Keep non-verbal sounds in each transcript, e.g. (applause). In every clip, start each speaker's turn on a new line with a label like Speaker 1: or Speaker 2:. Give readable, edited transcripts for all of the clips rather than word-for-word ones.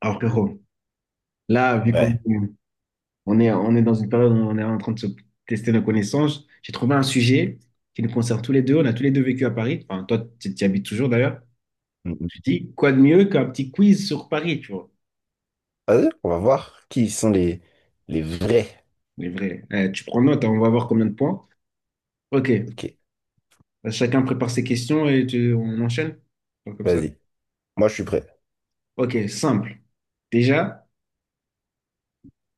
Speaker 1: Alors, frérot, là, vu qu'on
Speaker 2: Ouais.
Speaker 1: on est dans une période où on est en train de se tester nos connaissances, j'ai trouvé un sujet qui nous concerne tous les deux. On a tous les deux vécu à Paris. Enfin, toi, tu y habites toujours d'ailleurs.
Speaker 2: Mm, mm.
Speaker 1: Je dis, quoi de mieux qu'un petit quiz sur Paris, tu vois?
Speaker 2: Vas-y, on va voir qui sont les vrais.
Speaker 1: Mais vrai. Eh, tu prends note, hein, on va voir combien de points. Ok.
Speaker 2: Ok,
Speaker 1: Chacun prépare ses questions et on enchaîne. Donc, comme ça.
Speaker 2: vas-y. Moi, je suis prêt.
Speaker 1: Ok, simple. Déjà,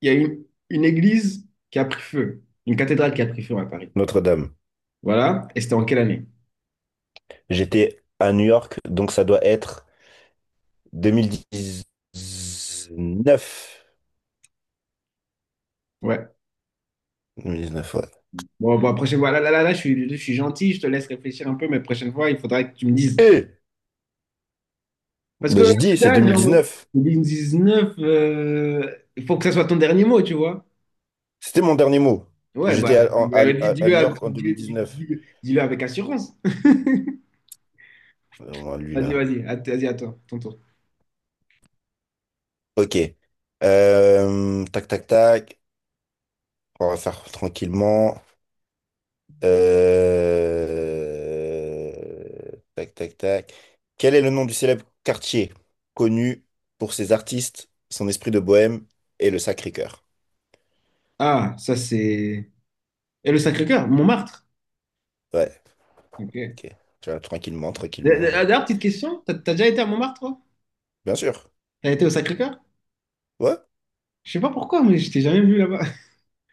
Speaker 1: il y a une église qui a pris feu. Une cathédrale qui a pris feu à Paris.
Speaker 2: Notre-Dame.
Speaker 1: Voilà. Et c'était en quelle année?
Speaker 2: J'étais à New York, donc ça doit être 2019.
Speaker 1: Ouais.
Speaker 2: 2019, ouais.
Speaker 1: Bon, bah, prochaine fois, je suis gentil, je te laisse réfléchir un peu, mais prochaine fois, il faudra que tu me dises.
Speaker 2: Eh!
Speaker 1: Parce que
Speaker 2: Ben, j'ai dit, c'est
Speaker 1: là, genre,
Speaker 2: 2019.
Speaker 1: 2019, il faut que ça soit ton dernier mot, tu vois.
Speaker 2: C'était mon dernier mot.
Speaker 1: Ouais,
Speaker 2: J'étais
Speaker 1: bah,
Speaker 2: à, en- à-
Speaker 1: dis-
Speaker 2: à- à
Speaker 1: dis-le
Speaker 2: New
Speaker 1: avec
Speaker 2: York en
Speaker 1: dis- dis-
Speaker 2: 2019.
Speaker 1: dis- dis-le avec assurance.
Speaker 2: Ouais,
Speaker 1: (laughs)
Speaker 2: lui, là.
Speaker 1: Vas-y, à toi, ton tour.
Speaker 2: Ok. Tac, tac, tac. On va faire tranquillement. Tac, tac, tac. Quel est le nom du célèbre quartier connu pour ses artistes, son esprit de bohème et le Sacré-Cœur?
Speaker 1: Ah, ça, c'est. Et le Sacré-Cœur, Montmartre.
Speaker 2: Ouais,
Speaker 1: Ok.
Speaker 2: ok. Tu vois, tranquillement, tranquillement.
Speaker 1: D'ailleurs, petite question, t'as déjà été à Montmartre, toi?
Speaker 2: Bien sûr.
Speaker 1: T'as été au Sacré-Cœur?
Speaker 2: Ouais.
Speaker 1: Je sais pas pourquoi, mais je t'ai jamais vu là-bas. (laughs)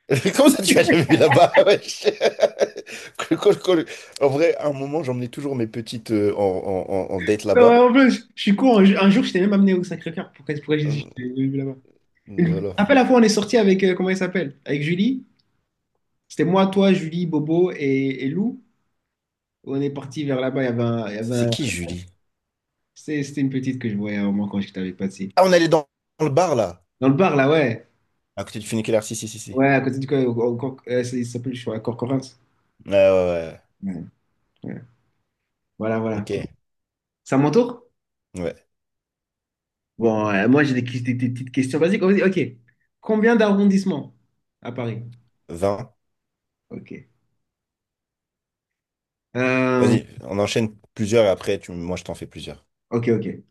Speaker 2: (laughs) Comment ça, tu as jamais vu là-bas? (laughs) wesh Cool, cool, cool. (laughs) En vrai, à un moment, j'emmenais toujours mes petites en date
Speaker 1: Non, ouais,
Speaker 2: là-bas.
Speaker 1: en plus, je suis con. Un jour, je t'ai même amené au Sacré-Cœur. Pourquoi j'ai dit que
Speaker 2: Euh,
Speaker 1: je t'ai jamais vu là-bas? Une...
Speaker 2: Voilà.
Speaker 1: Après la fois, on est sorti avec, comment il s'appelle? Avec Julie. C'était moi, toi, Julie, Bobo et Lou. On est parti vers là-bas. Il y avait un- il y avait
Speaker 2: C'est
Speaker 1: un-
Speaker 2: qui, Julie?
Speaker 1: c'est- C'était une petite que je voyais à un moment quand j'étais avec Patsy.
Speaker 2: Ah, on allait dans le bar, là,
Speaker 1: Dans le bar, là, ouais.
Speaker 2: à côté du funiculaire. Si, si, si, si.
Speaker 1: Ouais, à côté du. Co- au- au- cor- c'est- Il s'appelle, je crois, Corcorance.
Speaker 2: Ouais, ouais, ouais.
Speaker 1: Ouais, ouais. Voilà, voilà.
Speaker 2: Ok.
Speaker 1: Ok. C'est à mon tour?
Speaker 2: Ouais.
Speaker 1: Bon, moi, j'ai des, qui- des petites questions basiques. Vas-y, ok. Combien d'arrondissements à Paris?
Speaker 2: 20.
Speaker 1: Ok. Euh,
Speaker 2: Vas-y, on enchaîne plusieurs et après, moi, je t'en fais plusieurs.
Speaker 1: ok, ok.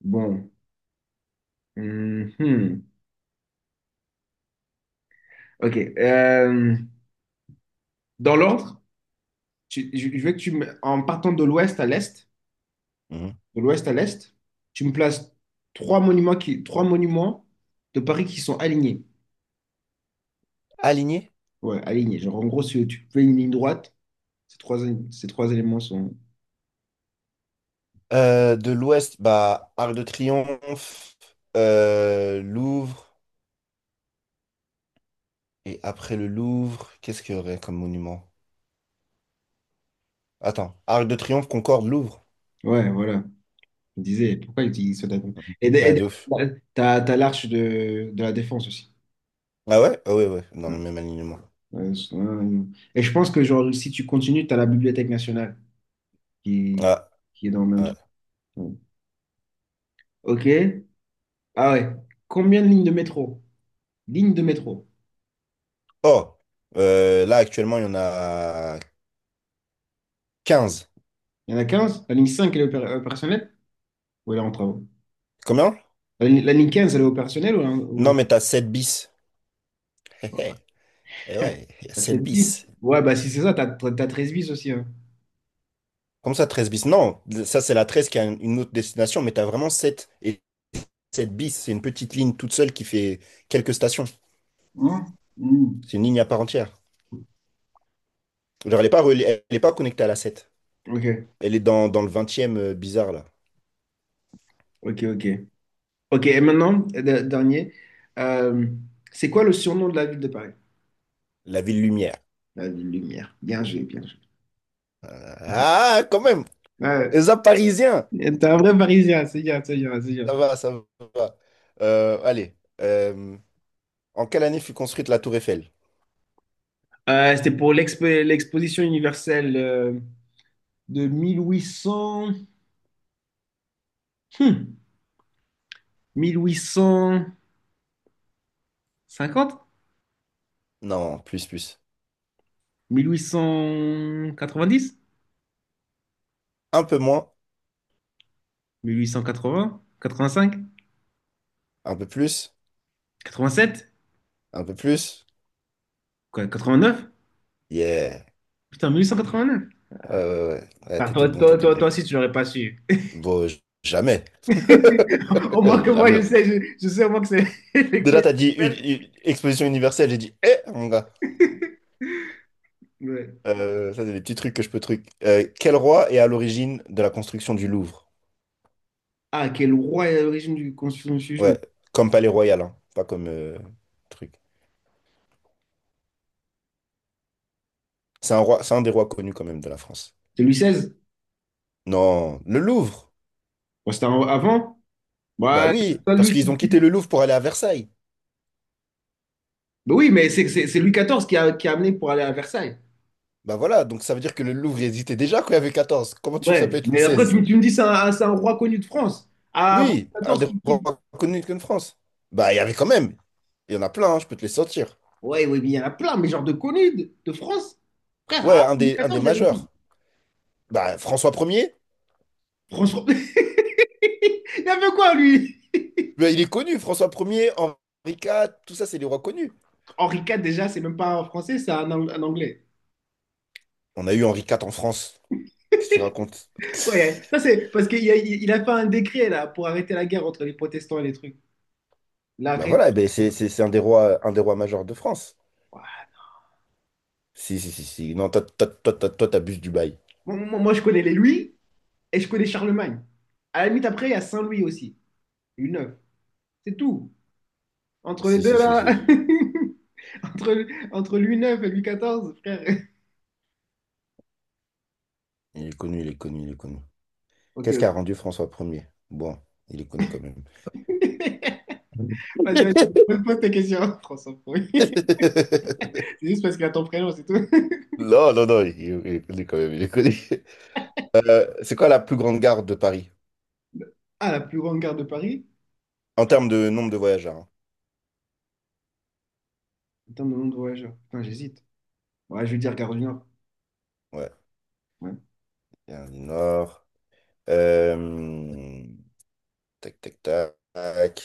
Speaker 1: Bon. Mhm. Ok. Dans l'ordre? Je veux que tu me, en partant de l'ouest à l'est,
Speaker 2: Mhm.
Speaker 1: de l'ouest à l'est, tu me places trois monuments de Paris qui sont alignés.
Speaker 2: Aligné.
Speaker 1: Ouais, alignés. Genre, en gros, si tu fais une ligne droite, ces trois, ces trois éléments sont.
Speaker 2: De l'Ouest, bah, Arc de Triomphe, Louvre, et après le Louvre, qu'est-ce qu'il y aurait comme monument? Attends, Arc de Triomphe, Concorde, Louvre.
Speaker 1: Ouais, voilà. Je me disais, pourquoi ils utilisent ça d'accord.
Speaker 2: Mhm.
Speaker 1: Et, de- et
Speaker 2: Ouais,
Speaker 1: de-
Speaker 2: de ouf.
Speaker 1: t'as l'arche de la Défense aussi.
Speaker 2: Ah ouais? Ah ouais, ouais, dans
Speaker 1: Ouais.
Speaker 2: le même alignement.
Speaker 1: Ouais. Et je pense que, genre, si tu continues, t'as la Bibliothèque nationale qui,
Speaker 2: Ah,
Speaker 1: qui est dans le même
Speaker 2: ouais.
Speaker 1: truc. Ouais. Ok. Ah ouais. Combien de lignes de métro? Lignes de métro.
Speaker 2: Oh, là, actuellement, il y en a 15.
Speaker 1: Il y en a quinze. La ligne 5 elle est opérationnelle? Ou elle est en travaux?
Speaker 2: Combien?
Speaker 1: La ligne 15, elle est opérationnelle ou elle est
Speaker 2: Non, mais t'as 7 bis. (laughs) Et ouais, il y a
Speaker 1: la
Speaker 2: 7
Speaker 1: 7 bis?
Speaker 2: bis.
Speaker 1: Ouais, bah si c'est ça, t'as 13 bis aussi. Hein.
Speaker 2: Comme ça, 13 bis. Non, ça, c'est la 13 qui a une autre destination, mais tu as vraiment 7 et 7 bis. C'est une petite ligne toute seule qui fait quelques stations.
Speaker 1: Hein. Hmm.
Speaker 2: C'est une ligne à part entière. Genre, elle n'est pas, elle est pas connectée à la 7.
Speaker 1: Ok,
Speaker 2: Elle est dans le vingtième, bizarre, là.
Speaker 1: ok. Ok, et maintenant, dernier, euh, c'est quoi le surnom de la ville de Paris?
Speaker 2: La Ville Lumière.
Speaker 1: La ville lumière. Bien joué, bien joué.
Speaker 2: Ah, quand même!
Speaker 1: Ouais,
Speaker 2: Les Parisiens!
Speaker 1: t'es un vrai Parisien, c'est bien, c'est bien.
Speaker 2: Ça va, ça va. Allez. En quelle année fut construite la Tour Eiffel?
Speaker 1: C'était pour l'exposition universelle de 1800... hmm, mille huit cent cinquante.
Speaker 2: Non, plus, plus. Un peu moins,
Speaker 1: 1890? 1880?
Speaker 2: un peu plus,
Speaker 1: 85? 87?
Speaker 2: un peu plus.
Speaker 1: Quoi, neuf.
Speaker 2: Yeah.
Speaker 1: Putain, 1889.
Speaker 2: Ouais, ouais, ouais. Ouais,
Speaker 1: Ah,
Speaker 2: t'étais bon, t'étais bon.
Speaker 1: toi aussi, tu l'aurais pas su.
Speaker 2: Bon, jamais.
Speaker 1: (laughs) Au moins que
Speaker 2: (laughs)
Speaker 1: moi,
Speaker 2: Jamais.
Speaker 1: je sais au moins que c'est (laughs)
Speaker 2: De
Speaker 1: l'élection
Speaker 2: là, t'as dit une,
Speaker 1: universelle.
Speaker 2: une exposition universelle. J'ai dit, eh, mon gars.
Speaker 1: Ouais.
Speaker 2: Ça, c'est des petits trucs que je peux truc. Quel roi est à l'origine de la construction du Louvre?
Speaker 1: Ah, quel roi est à l'origine du Constitution de Chujou?
Speaker 2: Ouais, comme palais royal, hein, pas comme truc. C'est un roi, c'est un des rois connus quand même de la France.
Speaker 1: C'est Louis seize.
Speaker 2: Non, le Louvre.
Speaker 1: Avant?
Speaker 2: Bah
Speaker 1: Ouais, c'est
Speaker 2: oui,
Speaker 1: pas
Speaker 2: parce
Speaker 1: lui.
Speaker 2: qu'ils ont quitté le Louvre pour aller à Versailles.
Speaker 1: Mais oui, mais c'est Louis quatorze qui a amené pour aller à Versailles.
Speaker 2: Bah voilà, donc ça veut dire que le Louvre il existait déjà quand il y avait 14. Comment tu ça
Speaker 1: Ouais,
Speaker 2: peut être Louis
Speaker 1: mais après,
Speaker 2: XVI?
Speaker 1: tu me dis, c'est un roi connu de France. Ah, avant
Speaker 2: Oui,
Speaker 1: Louis
Speaker 2: un
Speaker 1: quatorze
Speaker 2: des rois
Speaker 1: qui.
Speaker 2: connus de France. Bah il y avait quand même. Il y en a plein, hein, je peux te les sortir.
Speaker 1: Ouais, ouais, mais il y en a plein, mais genre de connus de France. Frère,
Speaker 2: Ouais,
Speaker 1: à
Speaker 2: un
Speaker 1: Henri
Speaker 2: des, un des
Speaker 1: XIV, vous avez qui?
Speaker 2: majeurs. Bah, François Ier.
Speaker 1: François. (laughs) Il y avait quoi, lui?
Speaker 2: Bah, il est connu, François Ier, Henri IV, tout ça, c'est des rois connus.
Speaker 1: Henri IV, déjà, c'est même pas un français, un anglais.
Speaker 2: On a eu Henri IV en France. Qu'est-ce que tu racontes?
Speaker 1: Ouais, ça c'est parce qu'il a, il a fait un décret là pour arrêter la guerre entre les protestants et les trucs.
Speaker 2: Bah
Speaker 1: L'arrêt.
Speaker 2: voilà, eh ben, c'est un des rois majeurs de France.
Speaker 1: Ouais.
Speaker 2: Si, si, si, si. Non, toi, toi, toi, toi, toi, t'abuses du bail.
Speaker 1: Moi, je connais les Louis et je connais Charlemagne. À la limite, après, il y a Saint-Louis aussi. Louis IX. C'est tout. Entre les
Speaker 2: Si,
Speaker 1: deux
Speaker 2: si, si,
Speaker 1: là,
Speaker 2: si.
Speaker 1: (laughs) entre Louis IX et Louis XIV, frère.
Speaker 2: Il est connu, il est connu, il est connu.
Speaker 1: Ok,
Speaker 2: Qu'est-ce qui a
Speaker 1: ok.
Speaker 2: rendu François Ier? Bon, il est connu quand même.
Speaker 1: (laughs) Pose ta question. (laughs) François Pourri. (laughs)
Speaker 2: (laughs)
Speaker 1: C'est juste parce qu'il y a ton prénom, c'est tout. (laughs)
Speaker 2: Non, non, non, il est connu quand même, il est connu. C'est quoi la plus grande gare de Paris?
Speaker 1: Ah, la plus grande gare de Paris?
Speaker 2: En termes de nombre de voyageurs, hein.
Speaker 1: En termes de nombre de voyageurs. Putain, j'hésite. Ouais, je vais dire Gare du Nord.
Speaker 2: Ouais,
Speaker 1: Ouais.
Speaker 2: il y a un du Nord. Euh, Tac, tac, tac.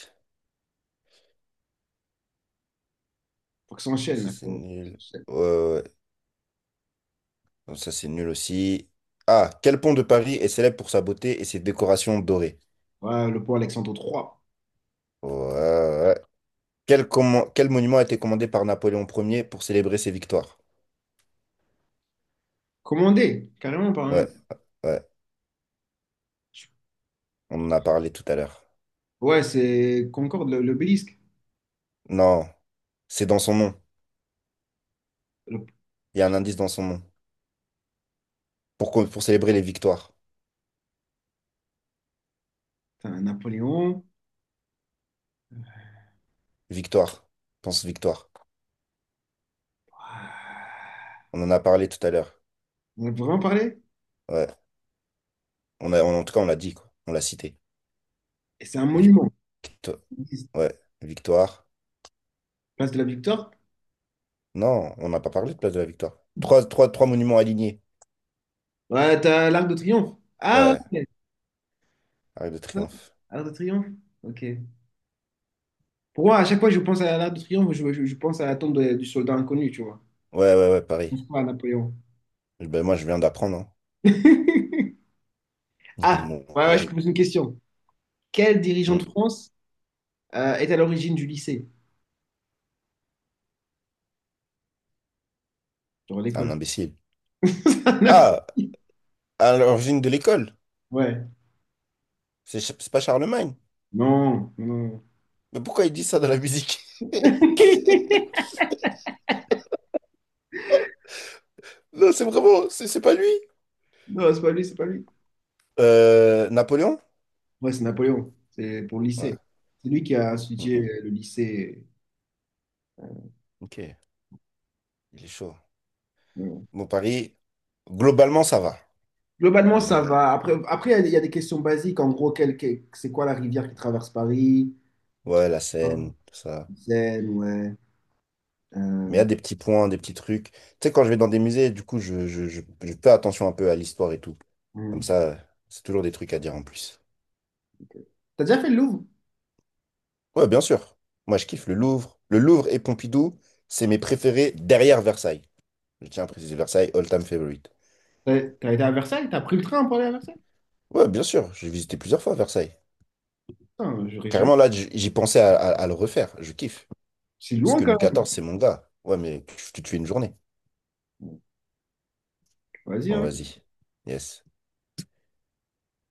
Speaker 1: Faut que ça enchaîne,
Speaker 2: Ça,
Speaker 1: là,
Speaker 2: c'est
Speaker 1: frérot. Ça
Speaker 2: nul.
Speaker 1: enchaîne.
Speaker 2: Ouais, ouais, ouais. Non, ça, c'est nul aussi. Ah, quel pont de Paris est célèbre pour sa beauté et ses décorations dorées?
Speaker 1: Ouais, le pont Alexandre III.
Speaker 2: Ouais, ouais. Quel monument a été commandé par Napoléon Ier pour célébrer ses victoires?
Speaker 1: Commandé, carrément par un...
Speaker 2: Ouais, ouais. On en a parlé tout à l'heure.
Speaker 1: Ouais, c'est Concorde, l'obélisque.
Speaker 2: Non, c'est dans son nom.
Speaker 1: Le...
Speaker 2: Il y a un indice dans son nom. Pour célébrer les victoires.
Speaker 1: Putain, Napoléon.
Speaker 2: Victoire. Pense victoire. On en a parlé tout à l'heure.
Speaker 1: On a vraiment parlé?
Speaker 2: Ouais. On a, en tout cas, on l'a dit, quoi. On l'a cité.
Speaker 1: Et c'est un monument.
Speaker 2: Victoire. Ouais, victoire.
Speaker 1: Place de la Victoire?
Speaker 2: Non, on n'a pas parlé de place de la victoire. Trois monuments alignés.
Speaker 1: Ouais, t'as l'Arc de Triomphe. Ah
Speaker 2: Ouais,
Speaker 1: ouais,
Speaker 2: Arc de
Speaker 1: c'est ça,
Speaker 2: Triomphe.
Speaker 1: Arc de Triomphe. Ok. Pour moi, à chaque fois que je pense à l'Arc de Triomphe, je pense à la tombe du soldat inconnu, tu vois.
Speaker 2: Ouais, ouais, ouais,
Speaker 1: Je
Speaker 2: Paris.
Speaker 1: pense pas à Napoléon.
Speaker 2: Ben, moi, je viens d'apprendre, hein.
Speaker 1: (laughs)
Speaker 2: (laughs)
Speaker 1: Ah,
Speaker 2: Mon
Speaker 1: ouais, ouais, je
Speaker 2: gars.
Speaker 1: te pose une question. Quel dirigeant de
Speaker 2: Hmm,
Speaker 1: France est à l'origine du lycée? Genre l'école.
Speaker 2: Un imbécile. Ah,
Speaker 1: (laughs)
Speaker 2: à l'origine de l'école.
Speaker 1: Ouais.
Speaker 2: C'est pas Charlemagne.
Speaker 1: Non, non, non.
Speaker 2: Mais pourquoi il dit ça dans la musique? (laughs) Non, c'est vraiment, c'est pas lui.
Speaker 1: Non, c'est pas lui, c'est pas lui.
Speaker 2: Napoléon?
Speaker 1: Ouais, c'est Napoléon. C'est pour le
Speaker 2: Ouais.
Speaker 1: lycée. C'est lui qui a
Speaker 2: Mm,
Speaker 1: institué
Speaker 2: mm.
Speaker 1: le lycée.
Speaker 2: Ok, il est chaud.
Speaker 1: Bon.
Speaker 2: Bon, Paris, globalement, ça va.
Speaker 1: Globalement, ça
Speaker 2: Globalement.
Speaker 1: va. Après, il y a des questions basiques. En gros, c'est quoi la rivière qui traverse Paris?
Speaker 2: Ouais, la
Speaker 1: Ouais.
Speaker 2: scène, tout ça.
Speaker 1: Seine, ouais.
Speaker 2: Mais il y
Speaker 1: Euh,
Speaker 2: a des petits points, des petits trucs. Tu sais, quand je vais dans des musées, du coup, je fais attention un peu à l'histoire et tout. Comme
Speaker 1: hum.
Speaker 2: ça, c'est toujours des trucs à dire en plus.
Speaker 1: T'as déjà fait le Louvre?
Speaker 2: Ouais, bien sûr. Moi, je kiffe le Louvre. Le Louvre et Pompidou, c'est mes préférés derrière Versailles. Je tiens à préciser Versailles, all-time favorite.
Speaker 1: T'as été à Versailles? T'as pris le train pour aller à Versailles?
Speaker 2: Ouais, bien sûr. J'ai visité plusieurs fois Versailles.
Speaker 1: Putain, j'aurais jamais-.
Speaker 2: Carrément, là, j'y pensais à le refaire. Je kiffe.
Speaker 1: C'est
Speaker 2: Parce
Speaker 1: loin
Speaker 2: que
Speaker 1: quand
Speaker 2: Louis
Speaker 1: même.
Speaker 2: XIV, c'est mon gars. Ouais, mais tu tues une journée.
Speaker 1: Vas-y,
Speaker 2: Bon,
Speaker 1: hein.
Speaker 2: vas-y. Yes.